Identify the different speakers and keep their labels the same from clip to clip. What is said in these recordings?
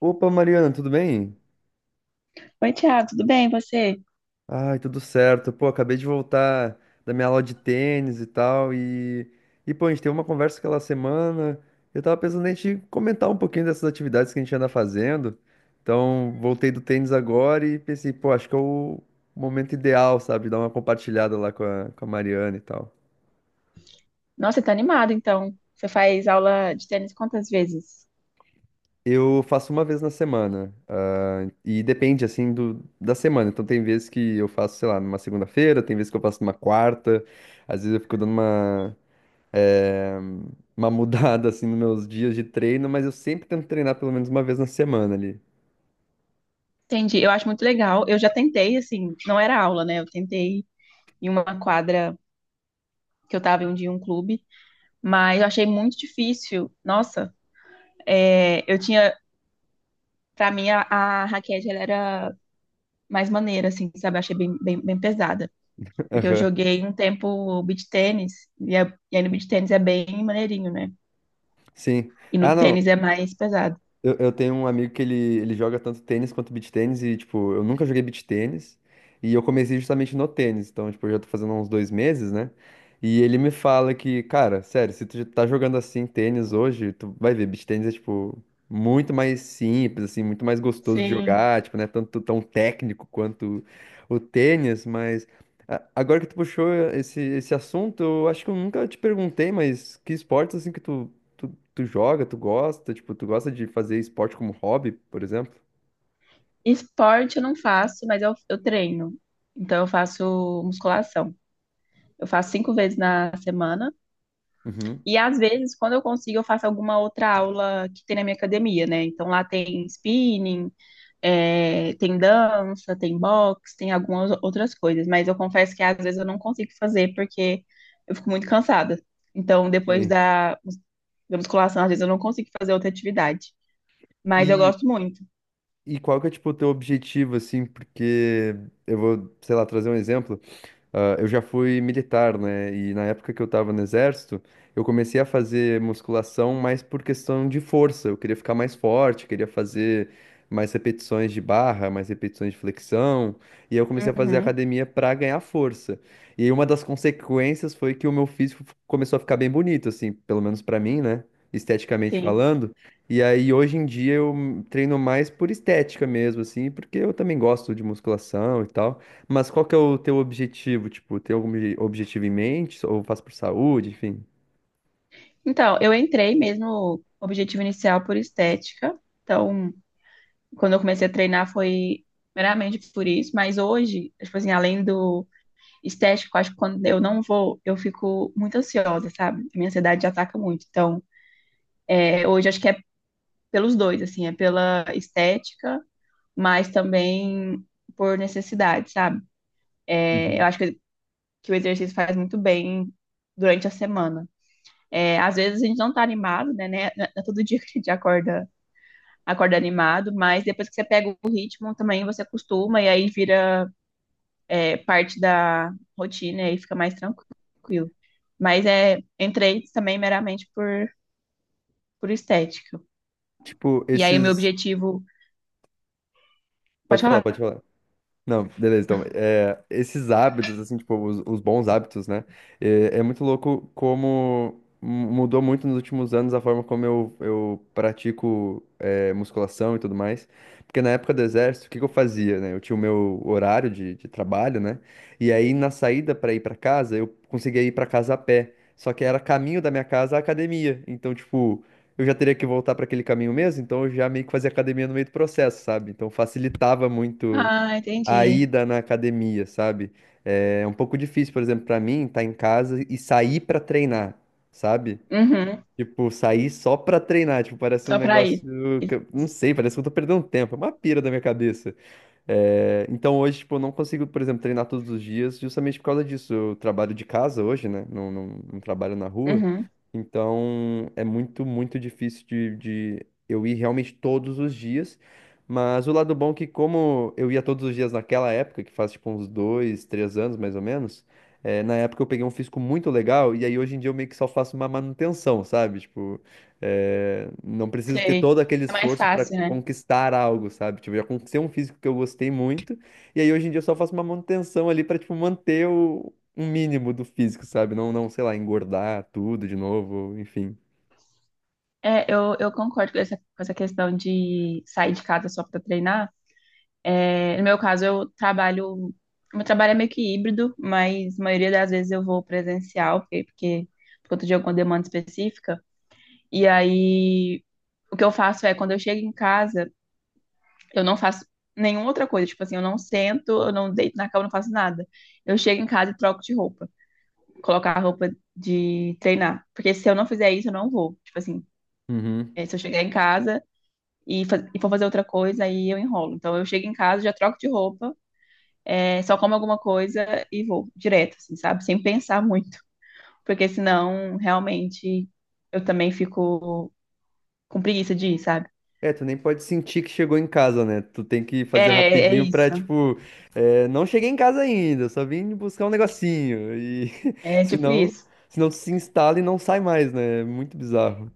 Speaker 1: Opa, Mariana, tudo bem?
Speaker 2: Oi, Thiago, tudo bem? E você?
Speaker 1: Ai, tudo certo. Pô, acabei de voltar da minha aula de tênis e tal. E pô, a gente teve uma conversa aquela semana. Eu tava pensando em te comentar um pouquinho dessas atividades que a gente anda fazendo. Então, voltei do tênis agora e pensei, pô, acho que é o momento ideal, sabe? Dar uma compartilhada lá com a Mariana e tal.
Speaker 2: Nossa, você tá animado, então. Você faz aula de tênis quantas vezes?
Speaker 1: Eu faço uma vez na semana, ah, e depende, assim, da semana. Então, tem vezes que eu faço, sei lá, numa segunda-feira, tem vezes que eu faço numa quarta. Às vezes eu fico dando uma, eh, uma mudada, assim, nos meus dias de treino, mas eu sempre tento treinar pelo menos uma vez na semana ali.
Speaker 2: Entendi, eu acho muito legal. Eu já tentei, assim, não era aula, né? Eu tentei em uma quadra que eu tava em um dia em um clube, mas eu achei muito difícil. Nossa, é, eu tinha, pra mim, a raquete, ela era mais maneira, assim, sabe? Eu achei bem, bem, bem pesada. Porque eu
Speaker 1: Aham.
Speaker 2: joguei um tempo beach tênis, e aí no beach tênis é bem maneirinho, né?
Speaker 1: Sim.
Speaker 2: E no
Speaker 1: Ah, não,
Speaker 2: tênis é mais pesado.
Speaker 1: eu tenho um amigo que ele joga tanto tênis quanto beach tênis e, tipo, eu nunca joguei beach tênis e eu comecei justamente no tênis, então, tipo, eu já tô fazendo há uns 2 meses, né? E ele me fala que, cara, sério, se tu já tá jogando assim tênis hoje, tu vai ver, beach tênis é, tipo, muito mais simples, assim, muito mais gostoso de
Speaker 2: Sim.
Speaker 1: jogar, tipo, né? Tanto tão técnico quanto o tênis, mas agora que tu puxou esse assunto, eu acho que eu nunca te perguntei, mas que esportes, assim, que tu. Tu joga, tu gosta, tipo, tu gosta de fazer esporte como hobby, por exemplo?
Speaker 2: Esporte eu não faço, mas eu treino. Então eu faço musculação. Eu faço 5 vezes na semana.
Speaker 1: Uhum.
Speaker 2: E às vezes, quando eu consigo, eu faço alguma outra aula que tem na minha academia, né? Então lá tem spinning, é, tem dança, tem boxe, tem algumas outras coisas, mas eu confesso que às vezes eu não consigo fazer porque eu fico muito cansada. Então, depois
Speaker 1: Sim.
Speaker 2: da musculação, às vezes eu não consigo fazer outra atividade, mas eu
Speaker 1: E,
Speaker 2: gosto muito.
Speaker 1: e qual que é, tipo, o teu objetivo, assim, porque eu vou, sei lá, trazer um exemplo. Ah, eu já fui militar, né? E na época que eu tava no exército, eu comecei a fazer musculação mais por questão de força. Eu queria ficar mais forte, queria fazer mais repetições de barra, mais repetições de flexão. E aí eu comecei a fazer
Speaker 2: Uhum,
Speaker 1: academia pra ganhar força. E aí uma das consequências foi que o meu físico começou a ficar bem bonito, assim, pelo menos pra mim, né? Esteticamente
Speaker 2: sim.
Speaker 1: falando. E aí hoje em dia eu treino mais por estética mesmo, assim, porque eu também gosto de musculação e tal. Mas qual que é o teu objetivo? Tipo, tem algum objetivo em mente? Ou faz por saúde, enfim?
Speaker 2: Então, eu entrei mesmo, objetivo inicial por estética. Então, quando eu comecei a treinar foi meramente por isso, mas hoje, tipo assim, além do estético, acho que quando eu não vou, eu fico muito ansiosa, sabe? Minha ansiedade ataca muito. Então, é, hoje acho que é pelos dois, assim, é pela estética, mas também por necessidade, sabe? É, eu
Speaker 1: Uhum.
Speaker 2: acho que o exercício faz muito bem durante a semana. É, às vezes a gente não tá animado, né? Não é todo dia que a gente acorda animado, mas depois que você pega o ritmo também, você acostuma e aí vira, é, parte da rotina e fica mais tranquilo. Mas é, entrei também meramente por estética.
Speaker 1: Tipo,
Speaker 2: E aí o meu
Speaker 1: esses.
Speaker 2: objetivo. Pode
Speaker 1: Pode falar, pode
Speaker 2: falar?
Speaker 1: falar. Não, beleza. Então, é, esses hábitos, assim, tipo, os bons hábitos, né? É, é muito louco como mudou muito nos últimos anos a forma como eu pratico é, musculação e tudo mais. Porque na época do exército, o que que eu fazia, né? Eu tinha o meu horário de trabalho, né? E aí, na saída para ir para casa, eu conseguia ir para casa a pé. Só que era caminho da minha casa à academia. Então, tipo, eu já teria que voltar para aquele caminho mesmo, então eu já meio que fazia academia no meio do processo, sabe? Então facilitava muito
Speaker 2: Ah,
Speaker 1: a
Speaker 2: entendi.
Speaker 1: ida na academia, sabe? É um pouco difícil, por exemplo, pra mim, estar em casa e sair pra treinar, sabe?
Speaker 2: Uhum,
Speaker 1: Tipo, sair só pra treinar, tipo, parece um
Speaker 2: só pra isso.
Speaker 1: negócio que eu não sei, parece que eu tô perdendo tempo, é uma pira da minha cabeça. É, então hoje, tipo, eu não consigo, por exemplo, treinar todos os dias justamente por causa disso. Eu trabalho de casa hoje, né? Não, não, não trabalho na rua.
Speaker 2: Uhum,
Speaker 1: Então é muito, muito difícil de eu ir realmente todos os dias. Mas o lado bom é que como eu ia todos os dias naquela época, que faz tipo uns 2, 3 anos mais ou menos, é, na época eu peguei um físico muito legal e aí hoje em dia eu meio que só faço uma manutenção, sabe? Tipo, é, não preciso ter
Speaker 2: sei.
Speaker 1: todo aquele
Speaker 2: É mais
Speaker 1: esforço para
Speaker 2: fácil, né?
Speaker 1: conquistar algo, sabe? Tipo, eu já conquistei um físico que eu gostei muito, e aí hoje em dia eu só faço uma manutenção ali para tipo manter o um mínimo do físico, sabe? Não, não, sei lá, engordar tudo de novo, enfim.
Speaker 2: É, eu concordo com com essa questão de sair de casa só pra treinar. É, no meu caso, eu trabalho. Meu trabalho é meio que híbrido, mas a maioria das vezes eu vou presencial, porque por conta de alguma demanda específica. E aí, o que eu faço é, quando eu chego em casa, eu não faço nenhuma outra coisa. Tipo assim, eu não sento, eu não deito na cama, eu não faço nada. Eu chego em casa e troco de roupa. Colocar a roupa de treinar. Porque se eu não fizer isso, eu não vou. Tipo assim,
Speaker 1: Uhum.
Speaker 2: é, se eu chegar em casa e for fazer outra coisa, aí eu enrolo. Então eu chego em casa, já troco de roupa, é, só como alguma coisa e vou direto, assim, sabe? Sem pensar muito. Porque senão, realmente, eu também fico com preguiça de ir, sabe?
Speaker 1: É, tu nem pode sentir que chegou em casa, né? Tu tem que fazer
Speaker 2: É, é
Speaker 1: rapidinho pra,
Speaker 2: isso.
Speaker 1: tipo, é, não cheguei em casa ainda, só vim buscar um negocinho. E
Speaker 2: É tipo
Speaker 1: senão,
Speaker 2: isso.
Speaker 1: senão tu se instala e não sai mais, né? É muito bizarro.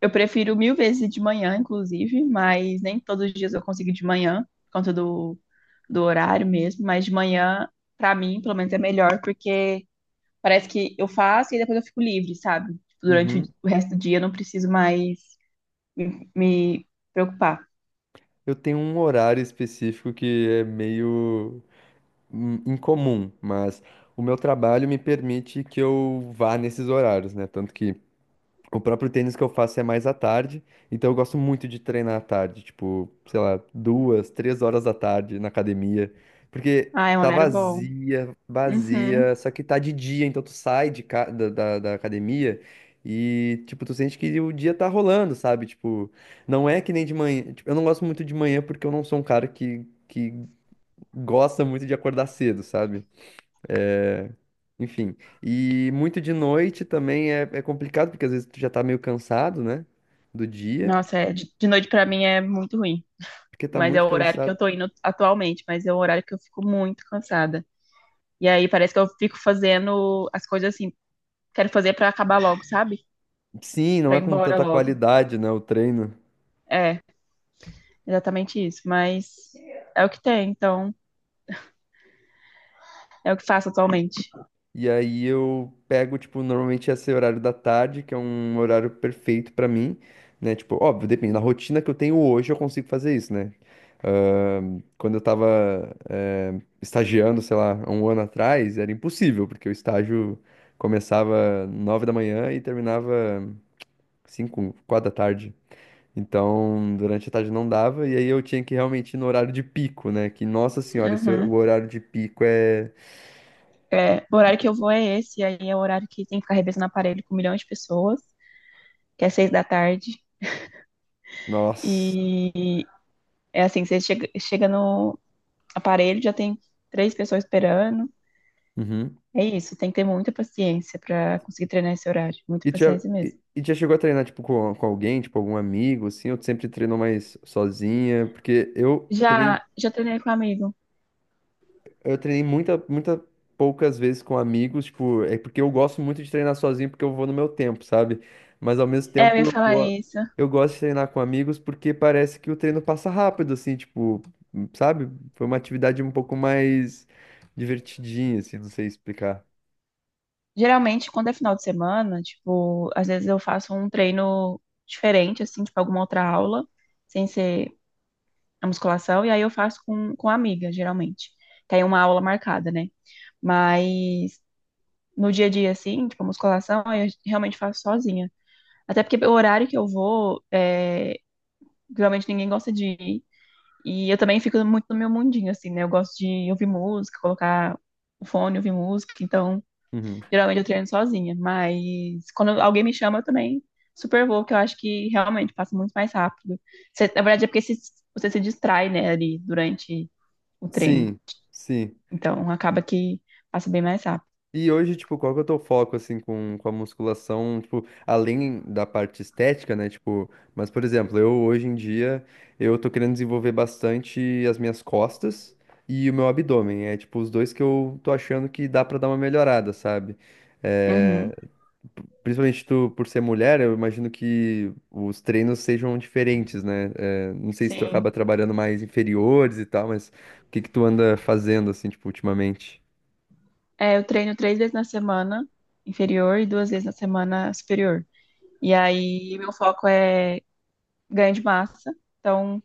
Speaker 2: Eu prefiro mil vezes de manhã, inclusive, mas nem todos os dias eu consigo ir de manhã, por conta do horário mesmo. Mas de manhã, pra mim, pelo menos é melhor, porque parece que eu faço e depois eu fico livre, sabe? Durante o
Speaker 1: Uhum.
Speaker 2: o resto do dia eu não preciso mais me preocupar.
Speaker 1: Eu tenho um horário específico que é meio incomum, mas o meu trabalho me permite que eu vá nesses horários, né? Tanto que o próprio tênis que eu faço é mais à tarde, então eu gosto muito de treinar à tarde, tipo, sei lá, 2, 3 horas da tarde na academia, porque
Speaker 2: Ah, é um
Speaker 1: tá
Speaker 2: horário bom.
Speaker 1: vazia,
Speaker 2: Uhum.
Speaker 1: vazia, só que tá de dia, então tu sai de ca- da, da, da academia e, tipo, tu sente que o dia tá rolando, sabe? Tipo, não é que nem de manhã, tipo, eu não gosto muito de manhã porque eu não sou um cara que gosta muito de acordar cedo, sabe? É, enfim. E muito de noite também é, é complicado, porque às vezes tu já tá meio cansado, né? Do dia,
Speaker 2: Nossa, é, de noite pra mim é muito ruim.
Speaker 1: porque tá
Speaker 2: Mas é
Speaker 1: muito
Speaker 2: o horário que eu
Speaker 1: cansado.
Speaker 2: tô indo atualmente, mas é o horário que eu fico muito cansada. E aí parece que eu fico fazendo as coisas assim quero fazer pra acabar logo, sabe?
Speaker 1: Sim, não
Speaker 2: Pra
Speaker 1: é
Speaker 2: ir
Speaker 1: com
Speaker 2: embora
Speaker 1: tanta
Speaker 2: logo.
Speaker 1: qualidade, né? O treino.
Speaker 2: É, exatamente isso. Mas é o que tem, então é o que faço atualmente.
Speaker 1: E aí eu pego, tipo, normalmente esse horário da tarde, que é um horário perfeito pra mim, né? Tipo, óbvio, depende da rotina que eu tenho hoje, eu consigo fazer isso, né? Quando eu tava, estagiando, sei lá, há um ano atrás, era impossível, porque o estágio começava 9 da manhã e terminava 5, 4 da tarde. Então, durante a tarde não dava, e aí eu tinha que realmente ir no horário de pico, né? Que, nossa senhora,
Speaker 2: Uhum.
Speaker 1: o horário de pico é...
Speaker 2: É, o horário que eu vou é esse, aí é o horário que tem que ficar revezando aparelho com milhões de pessoas, que é 6 da tarde.
Speaker 1: Nossa.
Speaker 2: E é assim, você chega no aparelho, já tem três pessoas esperando.
Speaker 1: Uhum.
Speaker 2: É isso, tem que ter muita paciência pra conseguir treinar esse horário. Muita
Speaker 1: E tu já,
Speaker 2: paciência mesmo.
Speaker 1: e tu já chegou a treinar, tipo, com, alguém, tipo, algum amigo, assim, ou tu sempre treinou mais sozinha? Porque
Speaker 2: Já treinei com um amigo.
Speaker 1: eu treinei muita, muita poucas vezes com amigos, tipo, é porque eu gosto muito de treinar sozinho, porque eu vou no meu tempo, sabe? Mas ao mesmo
Speaker 2: É, eu
Speaker 1: tempo
Speaker 2: ia
Speaker 1: eu,
Speaker 2: falar isso.
Speaker 1: eu gosto de treinar com amigos porque parece que o treino passa rápido, assim, tipo, sabe? Foi uma atividade um pouco mais divertidinha, assim, não sei explicar.
Speaker 2: Geralmente, quando é final de semana, tipo, às vezes eu faço um treino diferente, assim, tipo, alguma outra aula, sem ser a musculação, e aí eu faço com amiga, geralmente. Tem uma aula marcada, né? Mas no dia a dia, assim, tipo, a musculação, aí eu realmente faço sozinha. Até porque o horário que eu vou, é, geralmente ninguém gosta de ir. E eu também fico muito no meu mundinho, assim, né? Eu gosto de ouvir música, colocar o fone, ouvir música, então.
Speaker 1: Uhum.
Speaker 2: Geralmente eu treino sozinha, mas quando alguém me chama, eu também super vou, que eu acho que realmente passa muito mais rápido. Na verdade, é porque você se distrai, né, ali durante o treino.
Speaker 1: Sim, sim.
Speaker 2: Então, acaba que passa bem mais rápido.
Speaker 1: E hoje, tipo, qual que é o teu foco, assim, com, a musculação, tipo, além da parte estética, né, tipo, mas, por exemplo, eu, hoje em dia, eu tô querendo desenvolver bastante as minhas costas e o meu abdômen, é, tipo, os dois que eu tô achando que dá pra dar uma melhorada, sabe?
Speaker 2: Uhum,
Speaker 1: É, principalmente tu, por ser mulher, eu imagino que os treinos sejam diferentes, né? É, não sei se tu
Speaker 2: sim.
Speaker 1: acaba trabalhando mais inferiores e tal, mas o que que tu anda fazendo, assim, tipo, ultimamente?
Speaker 2: É, eu treino 3 vezes na semana inferior e 2 vezes na semana superior. E aí, meu foco é ganho de massa. Então,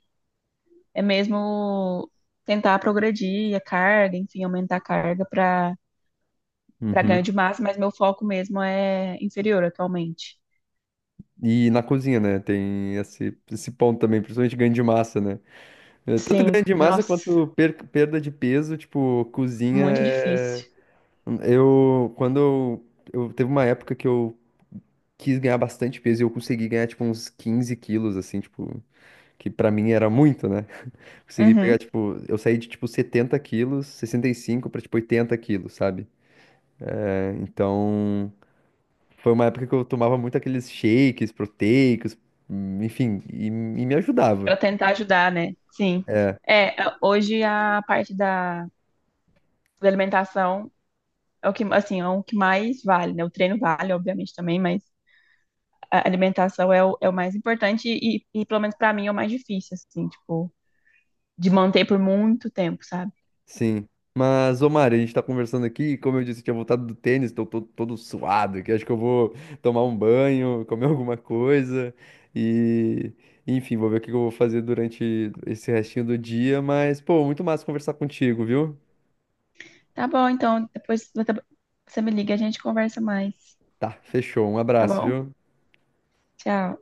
Speaker 2: é mesmo tentar progredir a carga, enfim, aumentar a carga para ganho
Speaker 1: Uhum.
Speaker 2: de massa, mas meu foco mesmo é inferior atualmente.
Speaker 1: E na cozinha, né? Tem esse ponto também, principalmente ganho de massa, né? É, tanto
Speaker 2: Sim,
Speaker 1: ganho de massa
Speaker 2: nossa,
Speaker 1: quanto perda de peso, tipo, cozinha
Speaker 2: muito difícil.
Speaker 1: é. Eu. Quando eu, eu. Teve uma época que eu quis ganhar bastante peso e eu consegui ganhar, tipo, uns 15 quilos, assim, tipo. Que pra mim era muito, né? Consegui pegar,
Speaker 2: Uhum.
Speaker 1: tipo. Eu saí de, tipo, 70 quilos, 65 pra, tipo, 80 quilos, sabe? É, então. Foi uma época que eu tomava muito aqueles shakes proteicos, enfim, e me ajudava.
Speaker 2: Para tentar ajudar, né? Sim. É, hoje a parte da alimentação é o que, assim, é o que mais vale, né? O treino vale, obviamente, também, mas a alimentação é o, mais importante e pelo menos para mim, é o mais difícil, assim, tipo, de manter por muito tempo, sabe?
Speaker 1: Sim. Mas, ô Mari, a gente tá conversando aqui, e como eu disse, eu tinha voltado do tênis, tô todo, todo suado aqui. Acho que eu vou tomar um banho, comer alguma coisa e, enfim, vou ver o que que eu vou fazer durante esse restinho do dia. Mas, pô, muito massa conversar contigo, viu?
Speaker 2: Tá bom, então, depois você me liga, a gente conversa mais,
Speaker 1: Tá, fechou. Um
Speaker 2: tá
Speaker 1: abraço,
Speaker 2: bom?
Speaker 1: viu?
Speaker 2: Tchau.